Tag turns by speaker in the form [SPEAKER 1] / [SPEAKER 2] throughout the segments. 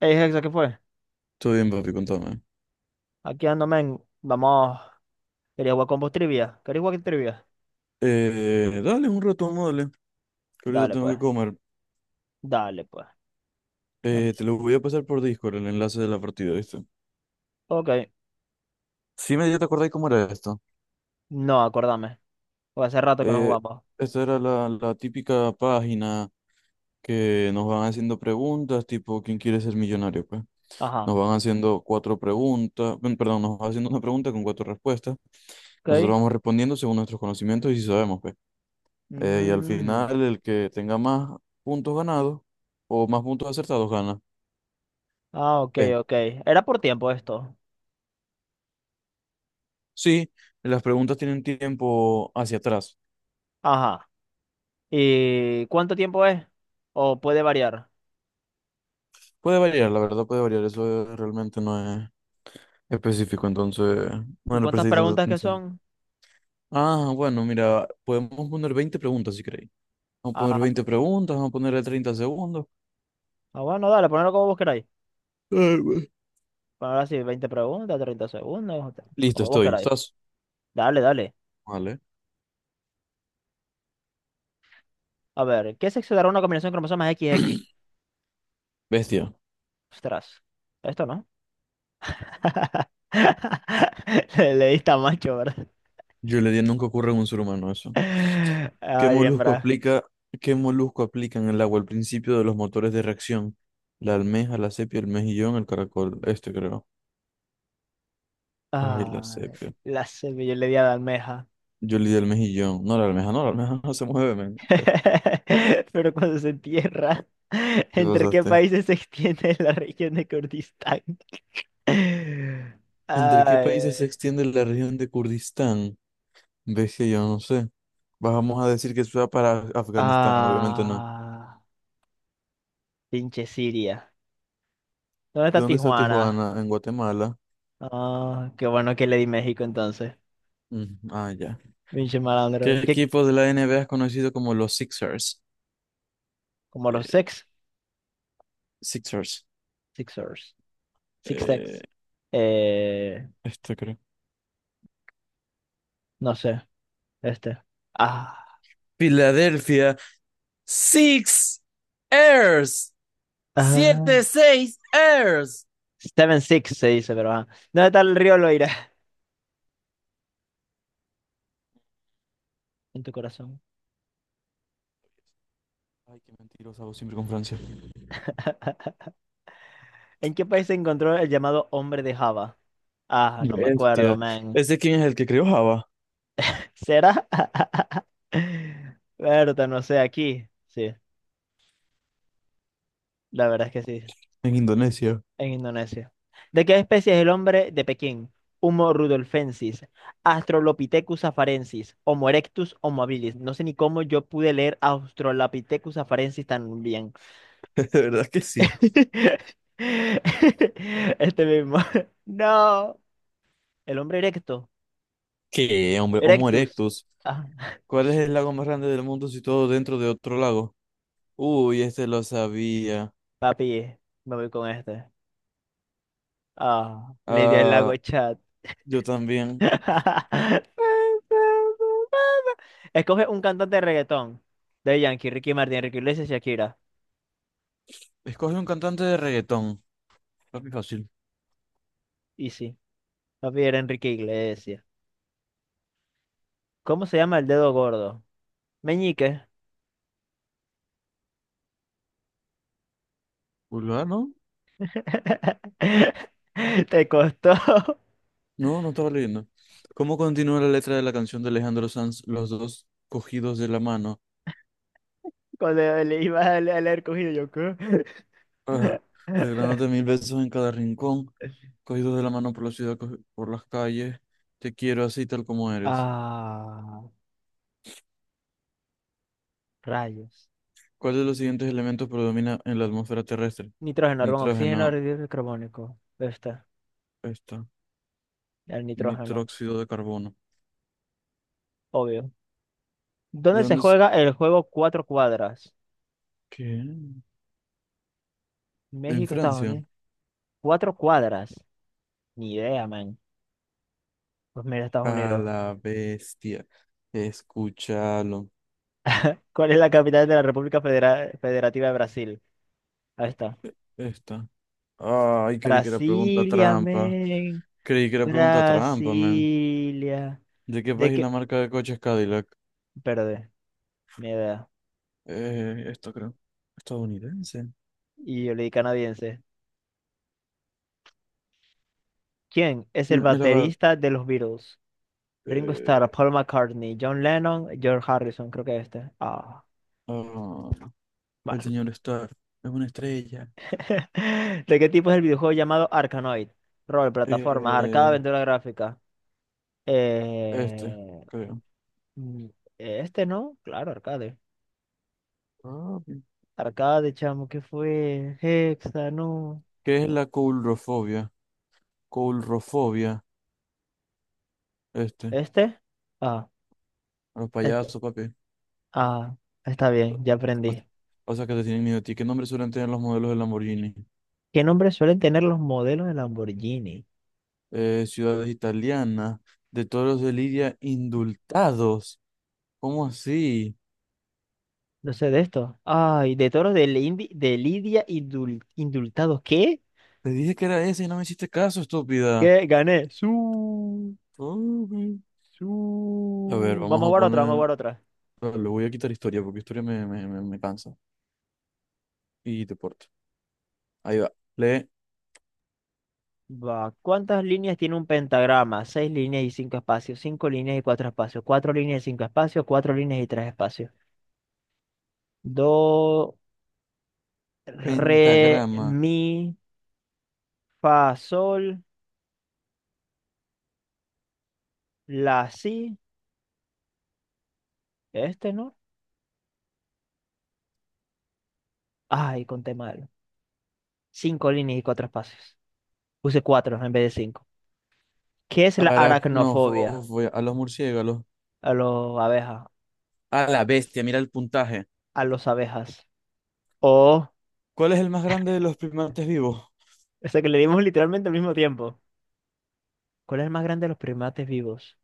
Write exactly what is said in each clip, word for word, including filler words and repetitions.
[SPEAKER 1] Ey, Hexa, ¿qué fue?
[SPEAKER 2] Todo bien, papi, contame.
[SPEAKER 1] Aquí ando, men. Vamos. Quería jugar con vos trivia. ¿Queréis jugar trivia?
[SPEAKER 2] Eh, dale un retomo, dale. Que ahorita
[SPEAKER 1] Dale,
[SPEAKER 2] tengo
[SPEAKER 1] pues.
[SPEAKER 2] que comer.
[SPEAKER 1] Dale, pues. Dame.
[SPEAKER 2] Eh, te lo voy a pasar por Discord el enlace de la partida, ¿viste?
[SPEAKER 1] Ok.
[SPEAKER 2] Sí, me ya te acordáis cómo era esto.
[SPEAKER 1] No, acordame. Porque hace rato que no
[SPEAKER 2] Eh,
[SPEAKER 1] jugamos.
[SPEAKER 2] Esta era la, la típica página que nos van haciendo preguntas, tipo, ¿quién quiere ser millonario? Pues nos
[SPEAKER 1] Ajá.
[SPEAKER 2] van haciendo cuatro preguntas, pen- perdón, nos van haciendo una pregunta con cuatro respuestas. Nosotros
[SPEAKER 1] Ok.
[SPEAKER 2] vamos respondiendo según nuestros conocimientos y si sabemos, pues. Eh, y al
[SPEAKER 1] Mhm.
[SPEAKER 2] final, el que tenga más puntos ganados o más puntos acertados gana.
[SPEAKER 1] Ah, ok,
[SPEAKER 2] Pues.
[SPEAKER 1] ok. Era por tiempo esto.
[SPEAKER 2] Sí, las preguntas tienen tiempo hacia atrás.
[SPEAKER 1] Ajá. ¿Y cuánto tiempo es? ¿O puede variar?
[SPEAKER 2] Puede variar, la verdad puede variar. Eso realmente no es específico, entonces
[SPEAKER 1] ¿Y
[SPEAKER 2] no le
[SPEAKER 1] cuántas
[SPEAKER 2] presté tanta
[SPEAKER 1] preguntas que
[SPEAKER 2] atención.
[SPEAKER 1] son?
[SPEAKER 2] Ah, bueno, mira, podemos poner veinte preguntas si queréis. Vamos a poner
[SPEAKER 1] Ah,
[SPEAKER 2] veinte preguntas, vamos a ponerle treinta segundos.
[SPEAKER 1] ah, bueno, dale, ponelo como vos queráis.
[SPEAKER 2] Ay, güey.
[SPEAKER 1] Poner así, veinte preguntas, treinta segundos,
[SPEAKER 2] Listo,
[SPEAKER 1] como vos
[SPEAKER 2] estoy.
[SPEAKER 1] queráis.
[SPEAKER 2] ¿Estás?
[SPEAKER 1] Dale, dale.
[SPEAKER 2] Vale.
[SPEAKER 1] A ver, ¿qué sexo dará una combinación de cromosomas equis equis?
[SPEAKER 2] Bestia.
[SPEAKER 1] Ostras, esto no. Le, le diste a macho, ¿verdad?
[SPEAKER 2] Yo le di, nunca ocurre en un ser humano eso. ¿Qué
[SPEAKER 1] Ay,
[SPEAKER 2] molusco
[SPEAKER 1] hembra.
[SPEAKER 2] aplica, ¿Qué molusco aplica en el agua al principio de los motores de reacción? La almeja, la sepia, el mejillón, el caracol. Este creo. Ay, la
[SPEAKER 1] Ay,
[SPEAKER 2] sepia.
[SPEAKER 1] la semilla le di a la almeja.
[SPEAKER 2] Yo le di el mejillón. No, la almeja, no, la almeja no se mueve, men.
[SPEAKER 1] Pero cuando se entierra,
[SPEAKER 2] Te
[SPEAKER 1] ¿entre qué
[SPEAKER 2] pasaste.
[SPEAKER 1] países se extiende la región de Kurdistán?
[SPEAKER 2] ¿Entre qué países se
[SPEAKER 1] Ay.
[SPEAKER 2] extiende la región de Kurdistán? Ves que yo no sé. Vamos a decir que sea para Afganistán, obviamente no.
[SPEAKER 1] Ah, pinche Siria. ¿Dónde está
[SPEAKER 2] ¿De dónde está
[SPEAKER 1] Tijuana?
[SPEAKER 2] Tijuana? En Guatemala.
[SPEAKER 1] Ah, qué bueno que le di México entonces.
[SPEAKER 2] Mm, ah, ya.
[SPEAKER 1] Pinche
[SPEAKER 2] ¿Qué
[SPEAKER 1] malandro. ¿Qué?
[SPEAKER 2] equipo de la N B A es conocido como los Sixers?
[SPEAKER 1] Como los sex,
[SPEAKER 2] Sixers.
[SPEAKER 1] Sixers. Six
[SPEAKER 2] Eh,
[SPEAKER 1] Sex. Eh,
[SPEAKER 2] Esto creo.
[SPEAKER 1] No sé, este. Ah,
[SPEAKER 2] Filadelfia. Six Airs.
[SPEAKER 1] ah.
[SPEAKER 2] Siete, seis Airs.
[SPEAKER 1] Seven Six se dice, pero ah. ¿Dónde está el río Loira? En tu corazón.
[SPEAKER 2] Ay, qué mentirosa vos siempre con Francia.
[SPEAKER 1] ¿En qué país se encontró el llamado hombre de Java? Ah, no me acuerdo,
[SPEAKER 2] Bestia.
[SPEAKER 1] man.
[SPEAKER 2] ¿Ese quién es el que creó Java?
[SPEAKER 1] ¿Será? Berta, no sé, aquí. Sí, la verdad es que sí,
[SPEAKER 2] En Indonesia.
[SPEAKER 1] en Indonesia. ¿De qué especie es el hombre de Pekín? Homo rudolfensis, Australopithecus afarensis, Homo erectus, Homo habilis. No sé ni cómo yo pude leer Australopithecus afarensis tan bien.
[SPEAKER 2] De verdad que sí.
[SPEAKER 1] Este mismo. No. El hombre erecto.
[SPEAKER 2] ¿Qué, hombre? Homo
[SPEAKER 1] Erectus.
[SPEAKER 2] erectus.
[SPEAKER 1] Ah,
[SPEAKER 2] ¿Cuál es el lago más grande del mundo situado dentro de otro lago? Uy, este lo sabía.
[SPEAKER 1] papi, me voy con este. Ah, Lidia del Lago
[SPEAKER 2] Ah,
[SPEAKER 1] Chat.
[SPEAKER 2] yo también.
[SPEAKER 1] Escoge un cantante de reggaetón. De Yankee, Ricky Martin, Enrique Iglesias, Shakira.
[SPEAKER 2] Escoge un cantante de reggaetón. Papi, fácil.
[SPEAKER 1] Y sí, papi era Enrique Iglesias. ¿Cómo se llama el dedo gordo? Meñique.
[SPEAKER 2] Vulgar, ¿no?
[SPEAKER 1] Te costó
[SPEAKER 2] No, no estaba leyendo. ¿Cómo continúa la letra de la canción de Alejandro Sanz, Los dos cogidos de la mano?
[SPEAKER 1] cuando le ibas a leer cogido yo. ¿qué?
[SPEAKER 2] Ajá. Regalándote mil besos en cada rincón, cogidos de la mano por la ciudad, co- por las calles, te quiero así tal como eres.
[SPEAKER 1] Ah, rayos.
[SPEAKER 2] ¿Cuál de los siguientes elementos predomina en la atmósfera terrestre?
[SPEAKER 1] Nitrógeno, argón, oxígeno,
[SPEAKER 2] Nitrógeno,
[SPEAKER 1] ácido carbónico. Está,
[SPEAKER 2] esta,
[SPEAKER 1] el nitrógeno,
[SPEAKER 2] nitróxido de carbono.
[SPEAKER 1] obvio.
[SPEAKER 2] ¿De
[SPEAKER 1] ¿Dónde se
[SPEAKER 2] dónde es?
[SPEAKER 1] juega el juego Cuatro Cuadras?
[SPEAKER 2] ¿Qué? En
[SPEAKER 1] México, Estados
[SPEAKER 2] Francia.
[SPEAKER 1] Unidos. Cuatro Cuadras. Ni idea, man. Pues mira, Estados
[SPEAKER 2] A
[SPEAKER 1] Unidos.
[SPEAKER 2] la bestia. Escúchalo.
[SPEAKER 1] ¿Cuál es la capital de la República Federa- Federativa de Brasil? Ahí está.
[SPEAKER 2] Esta. Ay, creí que era pregunta
[SPEAKER 1] Brasilia,
[SPEAKER 2] trampa.
[SPEAKER 1] man.
[SPEAKER 2] Creí que era pregunta trampa, man.
[SPEAKER 1] Brasilia.
[SPEAKER 2] ¿De qué
[SPEAKER 1] ¿De
[SPEAKER 2] país la
[SPEAKER 1] qué?
[SPEAKER 2] marca de coches Cadillac?
[SPEAKER 1] Perdón, ni idea.
[SPEAKER 2] Eh, esto creo. Estadounidense.
[SPEAKER 1] Y yo le di canadiense. ¿Quién es el
[SPEAKER 2] Bien, el, abad,
[SPEAKER 1] baterista de los Beatles? Ringo Starr,
[SPEAKER 2] eh,
[SPEAKER 1] Paul McCartney, John Lennon, George Harrison, creo que este. Ah,
[SPEAKER 2] ah, el
[SPEAKER 1] bueno.
[SPEAKER 2] señor Starr es una estrella.
[SPEAKER 1] ¿De qué tipo es el videojuego llamado Arkanoid? Rol, plataforma, arcade,
[SPEAKER 2] Eh,
[SPEAKER 1] aventura gráfica.
[SPEAKER 2] este,
[SPEAKER 1] Eh,
[SPEAKER 2] creo.
[SPEAKER 1] mm, este no, claro, arcade.
[SPEAKER 2] Ah, bien.
[SPEAKER 1] Arcade, chamo, ¿qué fue? Hexa, no.
[SPEAKER 2] ¿Qué es la coulrofobia? Coulrofobia. Este.
[SPEAKER 1] ¿Este? Ah,
[SPEAKER 2] A los
[SPEAKER 1] este.
[SPEAKER 2] payasos, papi.
[SPEAKER 1] Ah, está bien, ya
[SPEAKER 2] O,
[SPEAKER 1] aprendí.
[SPEAKER 2] o sea que te tienen miedo a ti. ¿Qué nombre suelen tener los modelos de Lamborghini?
[SPEAKER 1] ¿Qué nombres suelen tener los modelos de Lamborghini?
[SPEAKER 2] Eh, ciudades italianas. De toros de Lidia indultados. ¿Cómo así?
[SPEAKER 1] No sé de esto. Ay, de toros de, Lindi- de Lidia y dul- indultados. ¿Qué?
[SPEAKER 2] Te dije que era ese y no me hiciste caso, estúpida.
[SPEAKER 1] ¿Qué? Gané. Su,
[SPEAKER 2] A ver,
[SPEAKER 1] su.
[SPEAKER 2] vamos
[SPEAKER 1] Vamos a
[SPEAKER 2] a
[SPEAKER 1] jugar otra, vamos a
[SPEAKER 2] poner.
[SPEAKER 1] jugar otra.
[SPEAKER 2] Bueno, le voy a quitar historia porque historia me, me, me, me cansa. Y deporte. Ahí va. Le
[SPEAKER 1] Va. ¿Cuántas líneas tiene un pentagrama? Seis líneas y cinco espacios. Cinco líneas y cuatro espacios. Cuatro líneas y cinco espacios. Cuatro líneas y tres espacios. Do, re,
[SPEAKER 2] pentagrama.
[SPEAKER 1] mi, fa, sol, la, si. Este, ¿no? Ay, conté mal. Cinco líneas y cuatro espacios. Puse cuatro en vez de cinco. ¿Qué es la aracnofobia?
[SPEAKER 2] Aracnofobia. A los murciélagos.
[SPEAKER 1] A los abejas.
[SPEAKER 2] A la bestia. Mira el puntaje.
[SPEAKER 1] A los abejas. O.
[SPEAKER 2] ¿Cuál es el más grande de los primates vivos?
[SPEAKER 1] O sea que le dimos literalmente al mismo tiempo. ¿Cuál es el más grande de los primates vivos?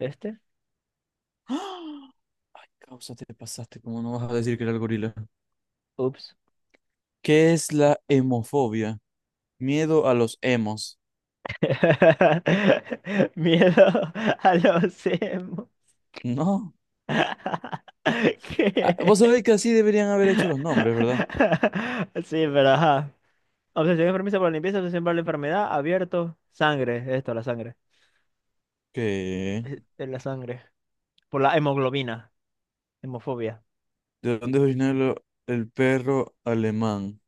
[SPEAKER 1] ¿Este?
[SPEAKER 2] ¡Ah! Ay, causa, te pasaste. ¿Cómo no vas a decir que era el gorila?
[SPEAKER 1] Ups.
[SPEAKER 2] ¿Qué es la hemofobia? Miedo a los hemos.
[SPEAKER 1] Miedo a los emo.
[SPEAKER 2] No. Ah,
[SPEAKER 1] ¿Qué?
[SPEAKER 2] vos sabés que así deberían haber hecho los nombres, ¿verdad?
[SPEAKER 1] Sí, pero ajá. Obsesión enfermiza por la limpieza, obsesión por la enfermedad, abierto, sangre, esto, la sangre.
[SPEAKER 2] ¿Qué?
[SPEAKER 1] Eh, eh, La sangre. Por la hemoglobina, hemofobia.
[SPEAKER 2] ¿De dónde es originario el perro alemán?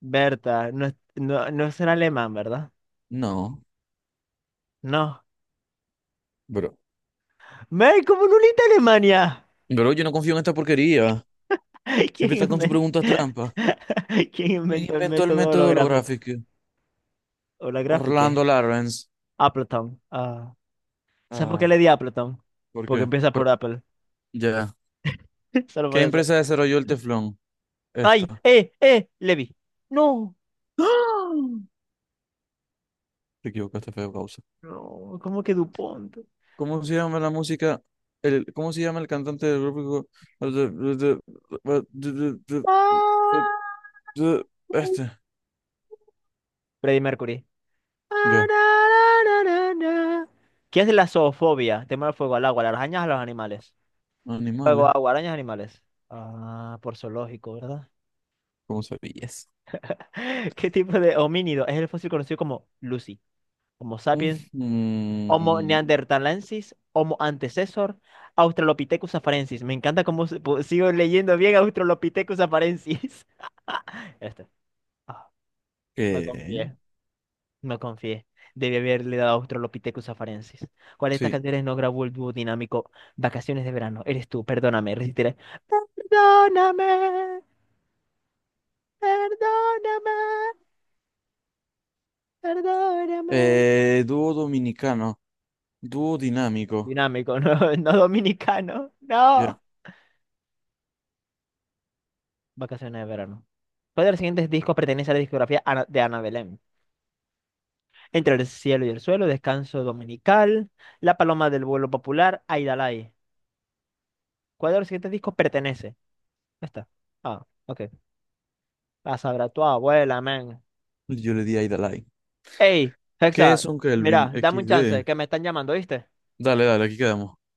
[SPEAKER 1] Berta, no, es- no, no será alemán, ¿verdad?
[SPEAKER 2] No.
[SPEAKER 1] No.
[SPEAKER 2] Bro,
[SPEAKER 1] ¡Mel, cómo no leíste Alemania!
[SPEAKER 2] bro, yo no confío en esta porquería. Siempre
[SPEAKER 1] ¿Quién
[SPEAKER 2] está con sus
[SPEAKER 1] inventó,
[SPEAKER 2] preguntas trampa.
[SPEAKER 1] ¿Quién
[SPEAKER 2] ¿Quién
[SPEAKER 1] inventó el
[SPEAKER 2] inventó el
[SPEAKER 1] método
[SPEAKER 2] método
[SPEAKER 1] holográfico?
[SPEAKER 2] holográfico?
[SPEAKER 1] holográfico?
[SPEAKER 2] Orlando Lawrence.
[SPEAKER 1] Appleton. Ah, ¿Sabes por qué
[SPEAKER 2] Ah,
[SPEAKER 1] le di Appleton?
[SPEAKER 2] ¿por
[SPEAKER 1] Porque
[SPEAKER 2] qué?
[SPEAKER 1] empieza por
[SPEAKER 2] Por-
[SPEAKER 1] Apple.
[SPEAKER 2] ya.
[SPEAKER 1] Solo
[SPEAKER 2] ¿Qué
[SPEAKER 1] por eso.
[SPEAKER 2] empresa desarrolló el teflón? Esta.
[SPEAKER 1] ¡Ay! ¡Eh! ¡Eh! Levi. No.
[SPEAKER 2] ¡Ah! Te equivocaste, feo causa.
[SPEAKER 1] No, ¿cómo que DuPont?
[SPEAKER 2] ¿Cómo se llama la música? El, ¿cómo se llama el cantante del grupo?
[SPEAKER 1] Ah,
[SPEAKER 2] Este.
[SPEAKER 1] Freddie Mercury.
[SPEAKER 2] Ya.
[SPEAKER 1] Ararararara. ¿Qué es la zoofobia? Tema del fuego al agua, a las arañas a los animales. Fuego,
[SPEAKER 2] Animales.
[SPEAKER 1] agua, arañas, animales. Ah, por zoológico, ¿verdad?
[SPEAKER 2] ¿Cómo sabías?
[SPEAKER 1] ¿Qué tipo de homínido es el fósil conocido como Lucy? Homo sapiens, Homo
[SPEAKER 2] Ujú.
[SPEAKER 1] neanderthalensis, Homo antecessor, Australopithecus afarensis. Me encanta cómo se- pu- sigo leyendo bien Australopithecus afarensis. Este. Ah, no
[SPEAKER 2] ¿Qué?
[SPEAKER 1] confié, no confié. Debí haberle dado Australopithecus afarensis. ¿Cuál de estas
[SPEAKER 2] Sí.
[SPEAKER 1] canciones no grabó el dúo dinámico Vacaciones de verano? Eres tú, perdóname, resistiré. Perdóname, perdóname, perdóname.
[SPEAKER 2] Eh, dúo dominicano, Dúo dinámico.
[SPEAKER 1] Dinámico, no, no dominicano.
[SPEAKER 2] Ya,
[SPEAKER 1] No. Vacaciones de verano. ¿Cuál de los siguientes discos pertenece a la discografía Ana- de Ana Belén? Entre el cielo y el suelo, Descanso Dominical, La Paloma del Vuelo Popular, Aidalay. ¿Cuál de los siguientes discos pertenece? Ya está. Ah, ok. La sabrá tu abuela, man.
[SPEAKER 2] yo le di a Idalai.
[SPEAKER 1] Ey,
[SPEAKER 2] ¿Qué
[SPEAKER 1] Hexa,
[SPEAKER 2] es un Kelvin?
[SPEAKER 1] mira, dame un chance,
[SPEAKER 2] equis de.
[SPEAKER 1] que me están llamando, ¿viste?
[SPEAKER 2] Dale, dale, aquí quedamos.